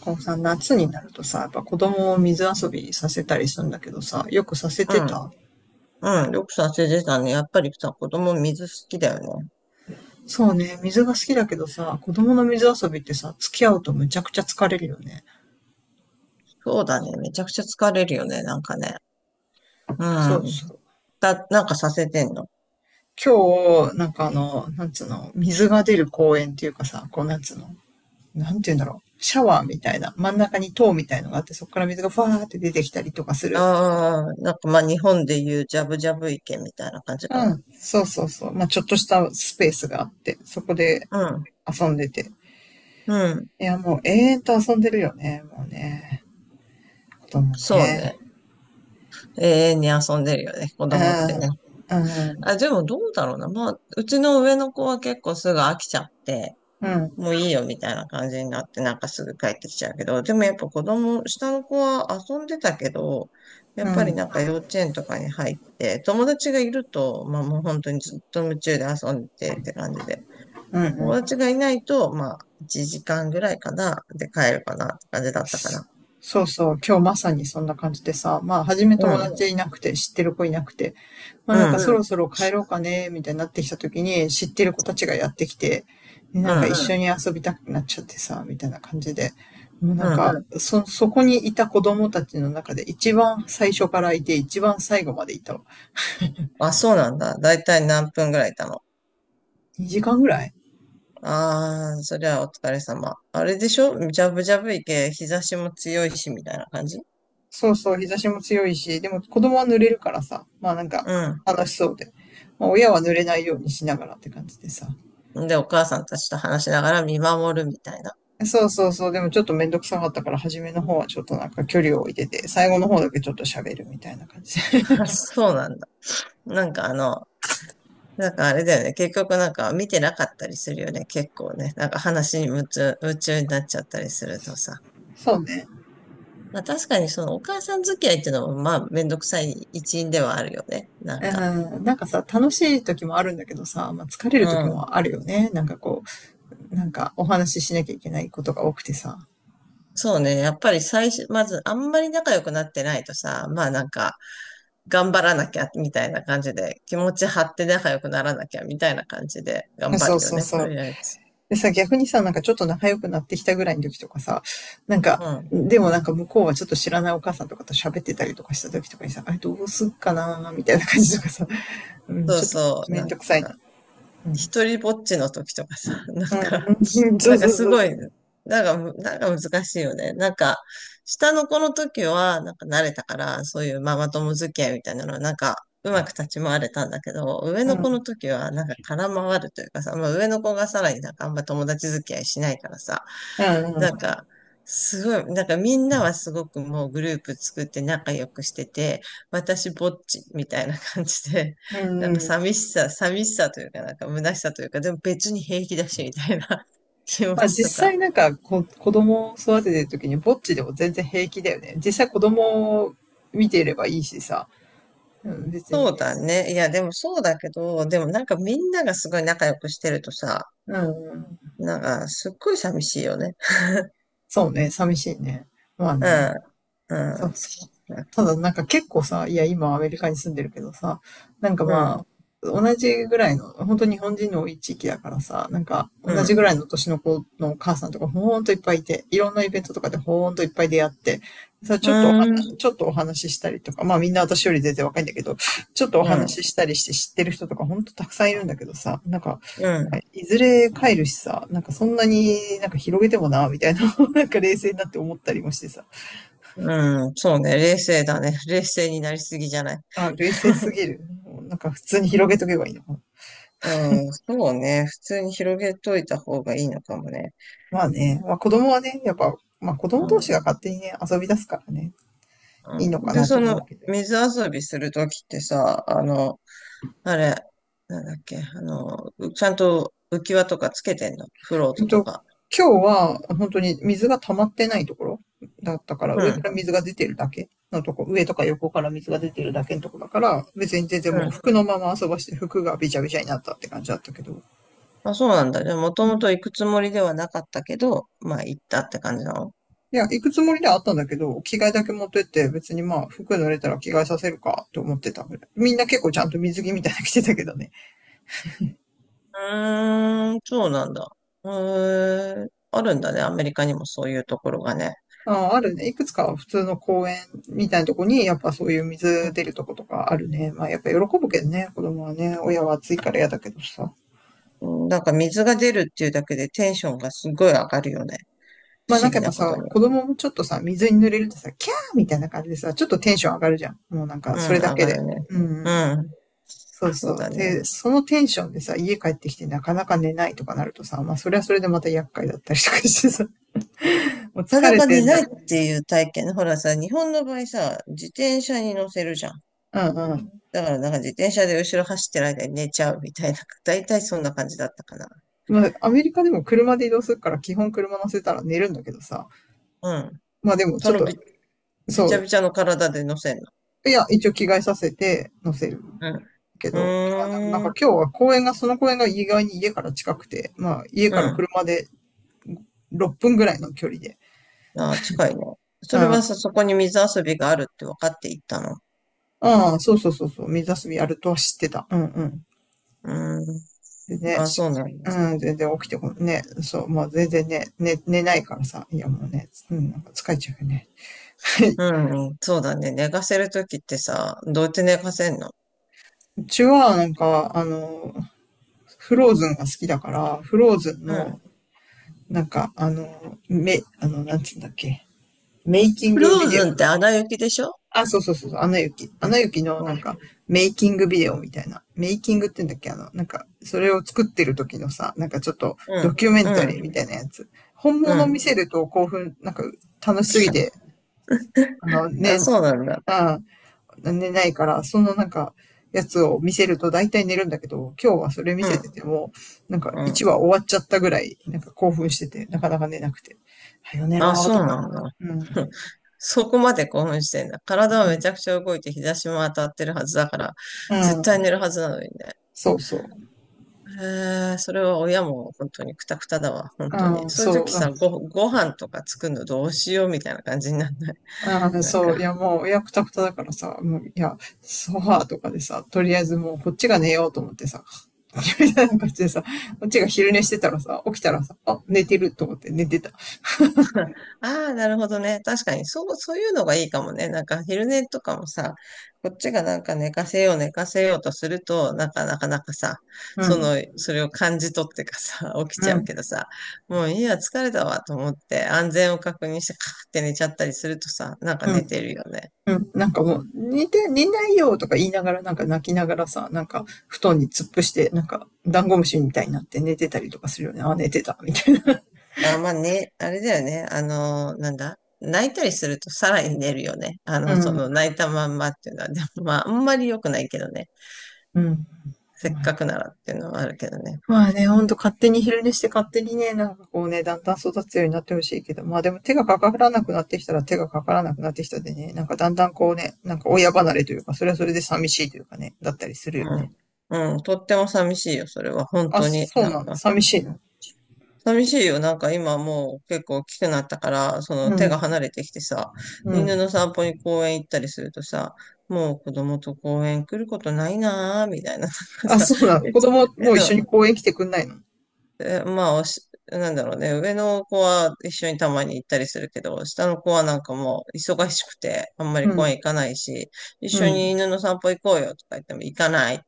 こうさ、夏になるとさ、やっぱ子供を水遊びさせたりするんだけどさ、よくさせうてん、た。うん、よくさせてたね。やっぱりさ、子供水好きだよね。そうね、水が好きだけどさ、子供の水遊びってさ、付き合うとむちゃくちゃ疲れるよね。そうだね。めちゃくちゃ疲れるよね、なんかね。うそうん。そう。だ、なんかさせてんの。今日、なんか、なんつうの、水が出る公園っていうかさ、こうなんつうの、なんて言うんだろう。シャワーみたいな、真ん中に塔みたいのがあって、そこから水がファーって出てきたりとかすある。あ、なんかまあ日本で言うジャブジャブ池みたいな感じかうな。ん、そうそうそう。まあ、ちょっとしたスペースがあって、そこでう遊んでて。ん、いや、もう永遠と遊んでるよね、もうね。こともそうね。ね。永遠に遊んでるよね、子う供ってね。ん、うん、あ、でもどうだろうな。まあ、うちの上の子は結構すぐ飽きちゃって、うん、もういいよみたいな感じになって、なんかすぐ帰ってきちゃうけど、でもやっぱ子供、下の子は遊んでたけど、やうっぱりん、なんか幼稚園とかに入って、友達がいると、まあもう本当にずっと夢中で遊んでてって感じで、うんう友達ん。がいないと、まあ1時間ぐらいかな、で帰るかなって感じだったかな。そうそう、今日まさにそんな感じでさ、まあ、初めう友ん、達いなくて、知ってる子いなくて、まあうなんかうん、そろん、そろ帰ろうかね、みたいになってきた時に、知ってる子たちがやってきて、でうなんかう一ん、緒ん、緒に遊びたくなっちゃってさ、みたいな感じで、もうなんううか、ん。ん。そ、そこにいた子供たちの中で一番最初からいて、一番最後までいたわ。あ、そうなんだ。だいたい何分ぐらいいたの？2時間ぐらい。ああー、そりゃお疲れ様。あれでしょジャブジャブいけ、日差しも強いし、みたいな感じ。そうそう、日差しも強いし、でも子供は濡れるからさ、まあなんかうん。楽しそうで。まあ親は濡れないようにしながらって感じでさ。で、お母さんたちと話しながら見守るみたいな。そうそうそう、でもちょっとめんどくさかったから初めの方はちょっとなんか距離を置いてて、最後の方だけちょっと喋るみたいな感じで。あそうなんだ。なんかあの、なんかあれだよね。結局なんか見てなかったりするよね。結構ね。なんか話に夢中になっちゃったりするとさ。そうね。まあ確かにそのお母さん付き合いっていうのもまあめんどくさい一因ではあるよね。なんか。うん、なんかさ、楽しい時もあるんだけどさ、まあ疲れうる時ん。もあるよね。なんかこう、なんかお話ししなきゃいけないことが多くてさ。そうね。やっぱり最初、まずあんまり仲良くなってないとさ、頑張らなきゃみたいな感じで、気持ち張って仲良くならなきゃみたいな感じで頑張そうるよそうね。そとう。りあえず。でさ、逆にさ、なんかちょっと仲良くなってきたぐらいの時とかさ、なんか、うん。でもなんか向こうはちょっと知らないお母さんとかと喋ってたりとかした時とかにさ、あれどうすっかなーみたいな感じとかさ、うん、そうちょっとそう、めなんんどくさいか、な。うん、一人ぼっちの時とかさ、なんか、うん、うん、そなうんかそうそうすそう。ごい、なんかむ、なんか難しいよね。なんか、下の子の時は、なんか慣れたから、そういうママ友付き合いみたいなのは、なんか、うまく立ち回れたんだけど、上うの子のん、時は、なんか空回るというかさ、まあ上の子がさらになんかあんま友達付き合いしないからさ、うなんん、か、すごい、なんかみんなはすごくもうグループ作って仲良くしてて、私ぼっちみたいな感じで、う ん、なんかうん。寂しさというか、なんか虚しさというか、でも別に平気だしみたいな 気持まあちと実か。際なんか子供を育ててる時にぼっちでも全然平気だよね。実際子供を見ていればいいしさ、うん、別そにうね。だね。いや、でもそうだけど、でもなんかみんながすごい仲良くしてるとさ、うん、うん。なんかすっごい寂しいよね。そうね、寂しいね。まあうね。ん、うそうん。そう。ただなんか結構さ、いや今アメリカに住んでるけどさ、なんかうん、まあ、同じぐらいの、本当日本人の多い地域だからさ、なんかう同ん、じぐらいの年の子のお母さんとかほんといっぱいいて、いろんなイベントとかでほんといっぱい出会って、さ、ちうょっとお話、ん、ちょっとお話ししたりとか、まあみんな私より全然若いんだけど、ちょっとおうん、話ししたりして知ってる人とかほんとたくさんいるんだけどさ、なんか、ういずれ帰るしさ、なんかそんなになんか広げてもな、みたいな、なんか冷静になって思ったりもしてさ、うん、そうね、冷静だね。冷静になりすぎじゃない？ あ、冷静すぎる。なんか普通に広げとけばいいのかな。うん、そうね。普通に広げといた方がいいのかもね。まあね、まあ子供はね、やっぱ、まあ子う供同士がん。勝手にね、遊び出すからね、いいのうかん、で、なとそ思の、うけど。水遊びするときってさ、あの、あれ、なんだっけ、あの、うちゃんと浮き輪とかつけてんのフローえっトとと、か。今日は本当に水が溜まってないところだったから、う上ん。から水が出てるだけのとこ、上とか横から水が出てるだけのとこだから、別に全然うもん。う服のまま遊ばして服がびちゃびちゃになったって感じだったけど。あ、そうなんだ。じゃあ、もうともん。と行くつもりではなかったけど、まあ、行ったって感じなの？いや、行くつもりではあったんだけど、着替えだけ持ってって、別にまあ、服濡れたら着替えさせるかと思ってたぐらい。みんな結構ちゃんと水着みたいなの着てたけどね。うーん、そうなんだ。へえ、あるんだね。アメリカにもそういうところがね。ああるね。いくつか普通の公園みたいなとこに、やっぱそういう水出るとことかあるね。まあ、やっぱ喜ぶけどね、子供はね。親は暑いから嫌だけどさ。うんなんか水が出るっていうだけでテンションがすごい上がるよね。ま不あなん思か議やっぱなこさ、とに。子供もちょっとさ、水に濡れるとさ、キャーみたいな感じでさ、ちょっとテンション上がるじゃん。もうなんか、うそん、れだ上けがで。るね。うんううん。ん。そうそそうう。だね。で、そのテンションでさ、家帰ってきてなかなか寝ないとかなるとさ、まあそれはそれでまた厄介だったりとかしてさ、もうな疲かなれかて寝なないい。っていう体験ね。ほらさ、日本の場合さ、自転車に乗せるじゃん。うんうん。だからなんか自転車で後ろ走ってる間に寝ちゃうみたいな。だいたいそんな感じだったかな。まあアメリカでも車で移動するから基本車乗せたら寝るんだけどさ、うん。まあでもちそょっのび、と、びそちゃう、びちゃの体で乗せるの。いや、一応着替えさせて乗せるけうど、まあでもなんん。うーかん。今日は公園が、その公園が意外に家から近くて、まあ家うからん。車で6分ぐらいの距離で、あー、近いね。うそん、れあはさ、そこに水遊びがあるって分かって行ったの？あ、そうそうそうそう、水遊びやるとは知ってた。うんうん。うーん。でね、あ、そうなんでうす。ん、全然起きてこね、そう、もう全然ね、寝ないからさ、いやもうね、うん、なんか疲れちゃうよね。うんうん、そうだね。寝かせるときってさ、どうやって寝かせんの？うちはなんか、フローズンが好きだから、フローズンうの、ん。なんか、あの、め、あの、なんつうんだっけ、メイキンフグロビーデオ。ズンってアナ雪でしょ？あ、そうそうそうそう、アナ雪。アナ雪のうなんん、か、メイキングビデオみたいな。メイキングって言うんだっけなんか、それを作ってる時のさ、なんかちょっとうん、ドキュメンタうん。リーみたいなやつ。本う物ん見せると興奮、なんか楽しすぎてあ、ね、そうなんだ。うん、寝ないから、そのなんか、やつを見せると大体寝るんだけど、今日はそれ見うせてん、ても、なんかう1ん。話終わっちゃったぐらい、なんか興奮してて、なかなか寝なくて。はよ寝あ、ろーそと。うなんだ。う ん。そこまで興奮してんだ。体はうめちん。ゃくちゃ動いて日差しも当たってるはずだから、う絶対ん。寝るはずなのにね。そうそう。へえ、それは親も本当にクタクタだわ、本当に。うん、そういうそう時だ。さ、ご、ご飯とか作るのどうしようみたいな感じになんない？うん、なんそう、いかやもう、いや、くたくただからさ、もう、いや、ソファーとかでさ、とりあえずもうこっちが寝ようと思ってさ、みたいな感じでさ、こっちが昼寝してたらさ、起きたらさ、あ、寝てると思って寝てた。ああ、なるほどね。確かに、そう、そういうのがいいかもね。なんか、昼寝とかもさ、こっちがなんか寝かせようとすると、なんか、なかなかさ、うそん、の、それを感じ取ってかさ、起きうちゃうけん、どさ、もういいや、疲れたわと思って、安全を確認して、カーって寝ちゃったりするとさ、なんかう寝ん、てるよね。うん、なんかもう、寝ないよとか言いながら、なんか泣きながらさ、なんか布団に突っ伏して、なんかダンゴムシみたいになって寝てたりとかするよね。あ、寝てた、みたいな。あ、まあね、あれだよね。あのなんだ。泣いたりするとさらに寝るよね。あうの、そのん、泣いたまんまっていうのは、でもまあ、あんまり良くないけどね。うん。せっまあね、かくならっていうのはあるけどね。まあねほんと勝手に昼寝して勝手にね、なんかこうね、だんだん育つようになってほしいけど、まあでも手がかからなくなってきたら手がかからなくなってきたでね、なんかだんだんこうね、なんか親離れというか、それはそれで寂しいというかね、だったりするうよね。ん。うん。とっても寂しいよ、それは。本あ、当に。そうなんなの、か、寂しいの？寂しいよ。なんか今もう結構大きくなったから、そうの手がん、離れてきてさ、う犬ん。の散歩に公園行ったりするとさ、もう子供と公園来ることないなー、みたいな。なんかあ、さ、そうなの。え、子供もう一そ緒うに公園来てくんないの？え、まあ、おし、なんだろうね。上の子は一緒にたまに行ったりするけど、下の子はなんかもう忙しくて、あんまうり公ん。園行かないし、一う緒にん。犬の散歩行こうよとか言っても行かない。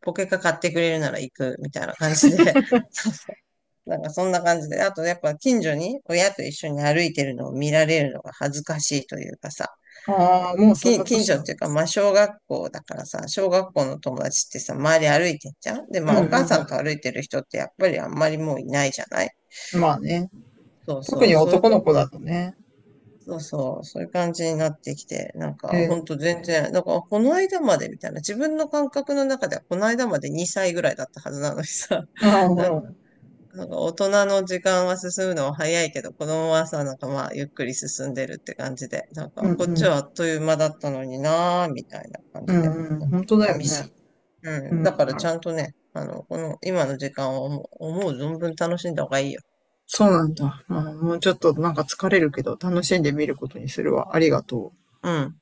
ポケカ買ってくれるなら行くみたいな感じで、そうそなんかそんな感じで、あとやっぱ近所に親と一緒に歩いてるのを見られるのが恥ずかしいというかさ、ああ、もうそんな近年所なっの。ていうか、まあ小学校だからさ、小学校の友達ってさ、周り歩いてんじゃんで、うまんあうお母さんとん、歩いてる人ってやっぱりあんまりもういないじゃない？うん。まあね。そう特そう、にそうい男う、の子だとね。そうそう、そういう感じになってきて、なんか、えほんとえ、全然、なんか、この間までみたいな、自分の感覚の中では、この間まで2歳ぐらいだったはずなのにさ、ああ、なんうかん。なんか大人の時間は進むのは早いけど、子供はさ、なんかまあ、ゆっくり進んでるって感じで、なんうんか、こっうちん。はあっという間だったのになー、みたいな感うじで、んうん、本当だよ寂しね。い。ううん。だかん。らちゃんとね、あの、この、今の時間を思う、思う存分楽しんだ方がいいよ。そうなんだ。まあ、もうちょっとなんか疲れるけど、楽しんでみることにするわ。ありがとう。うん。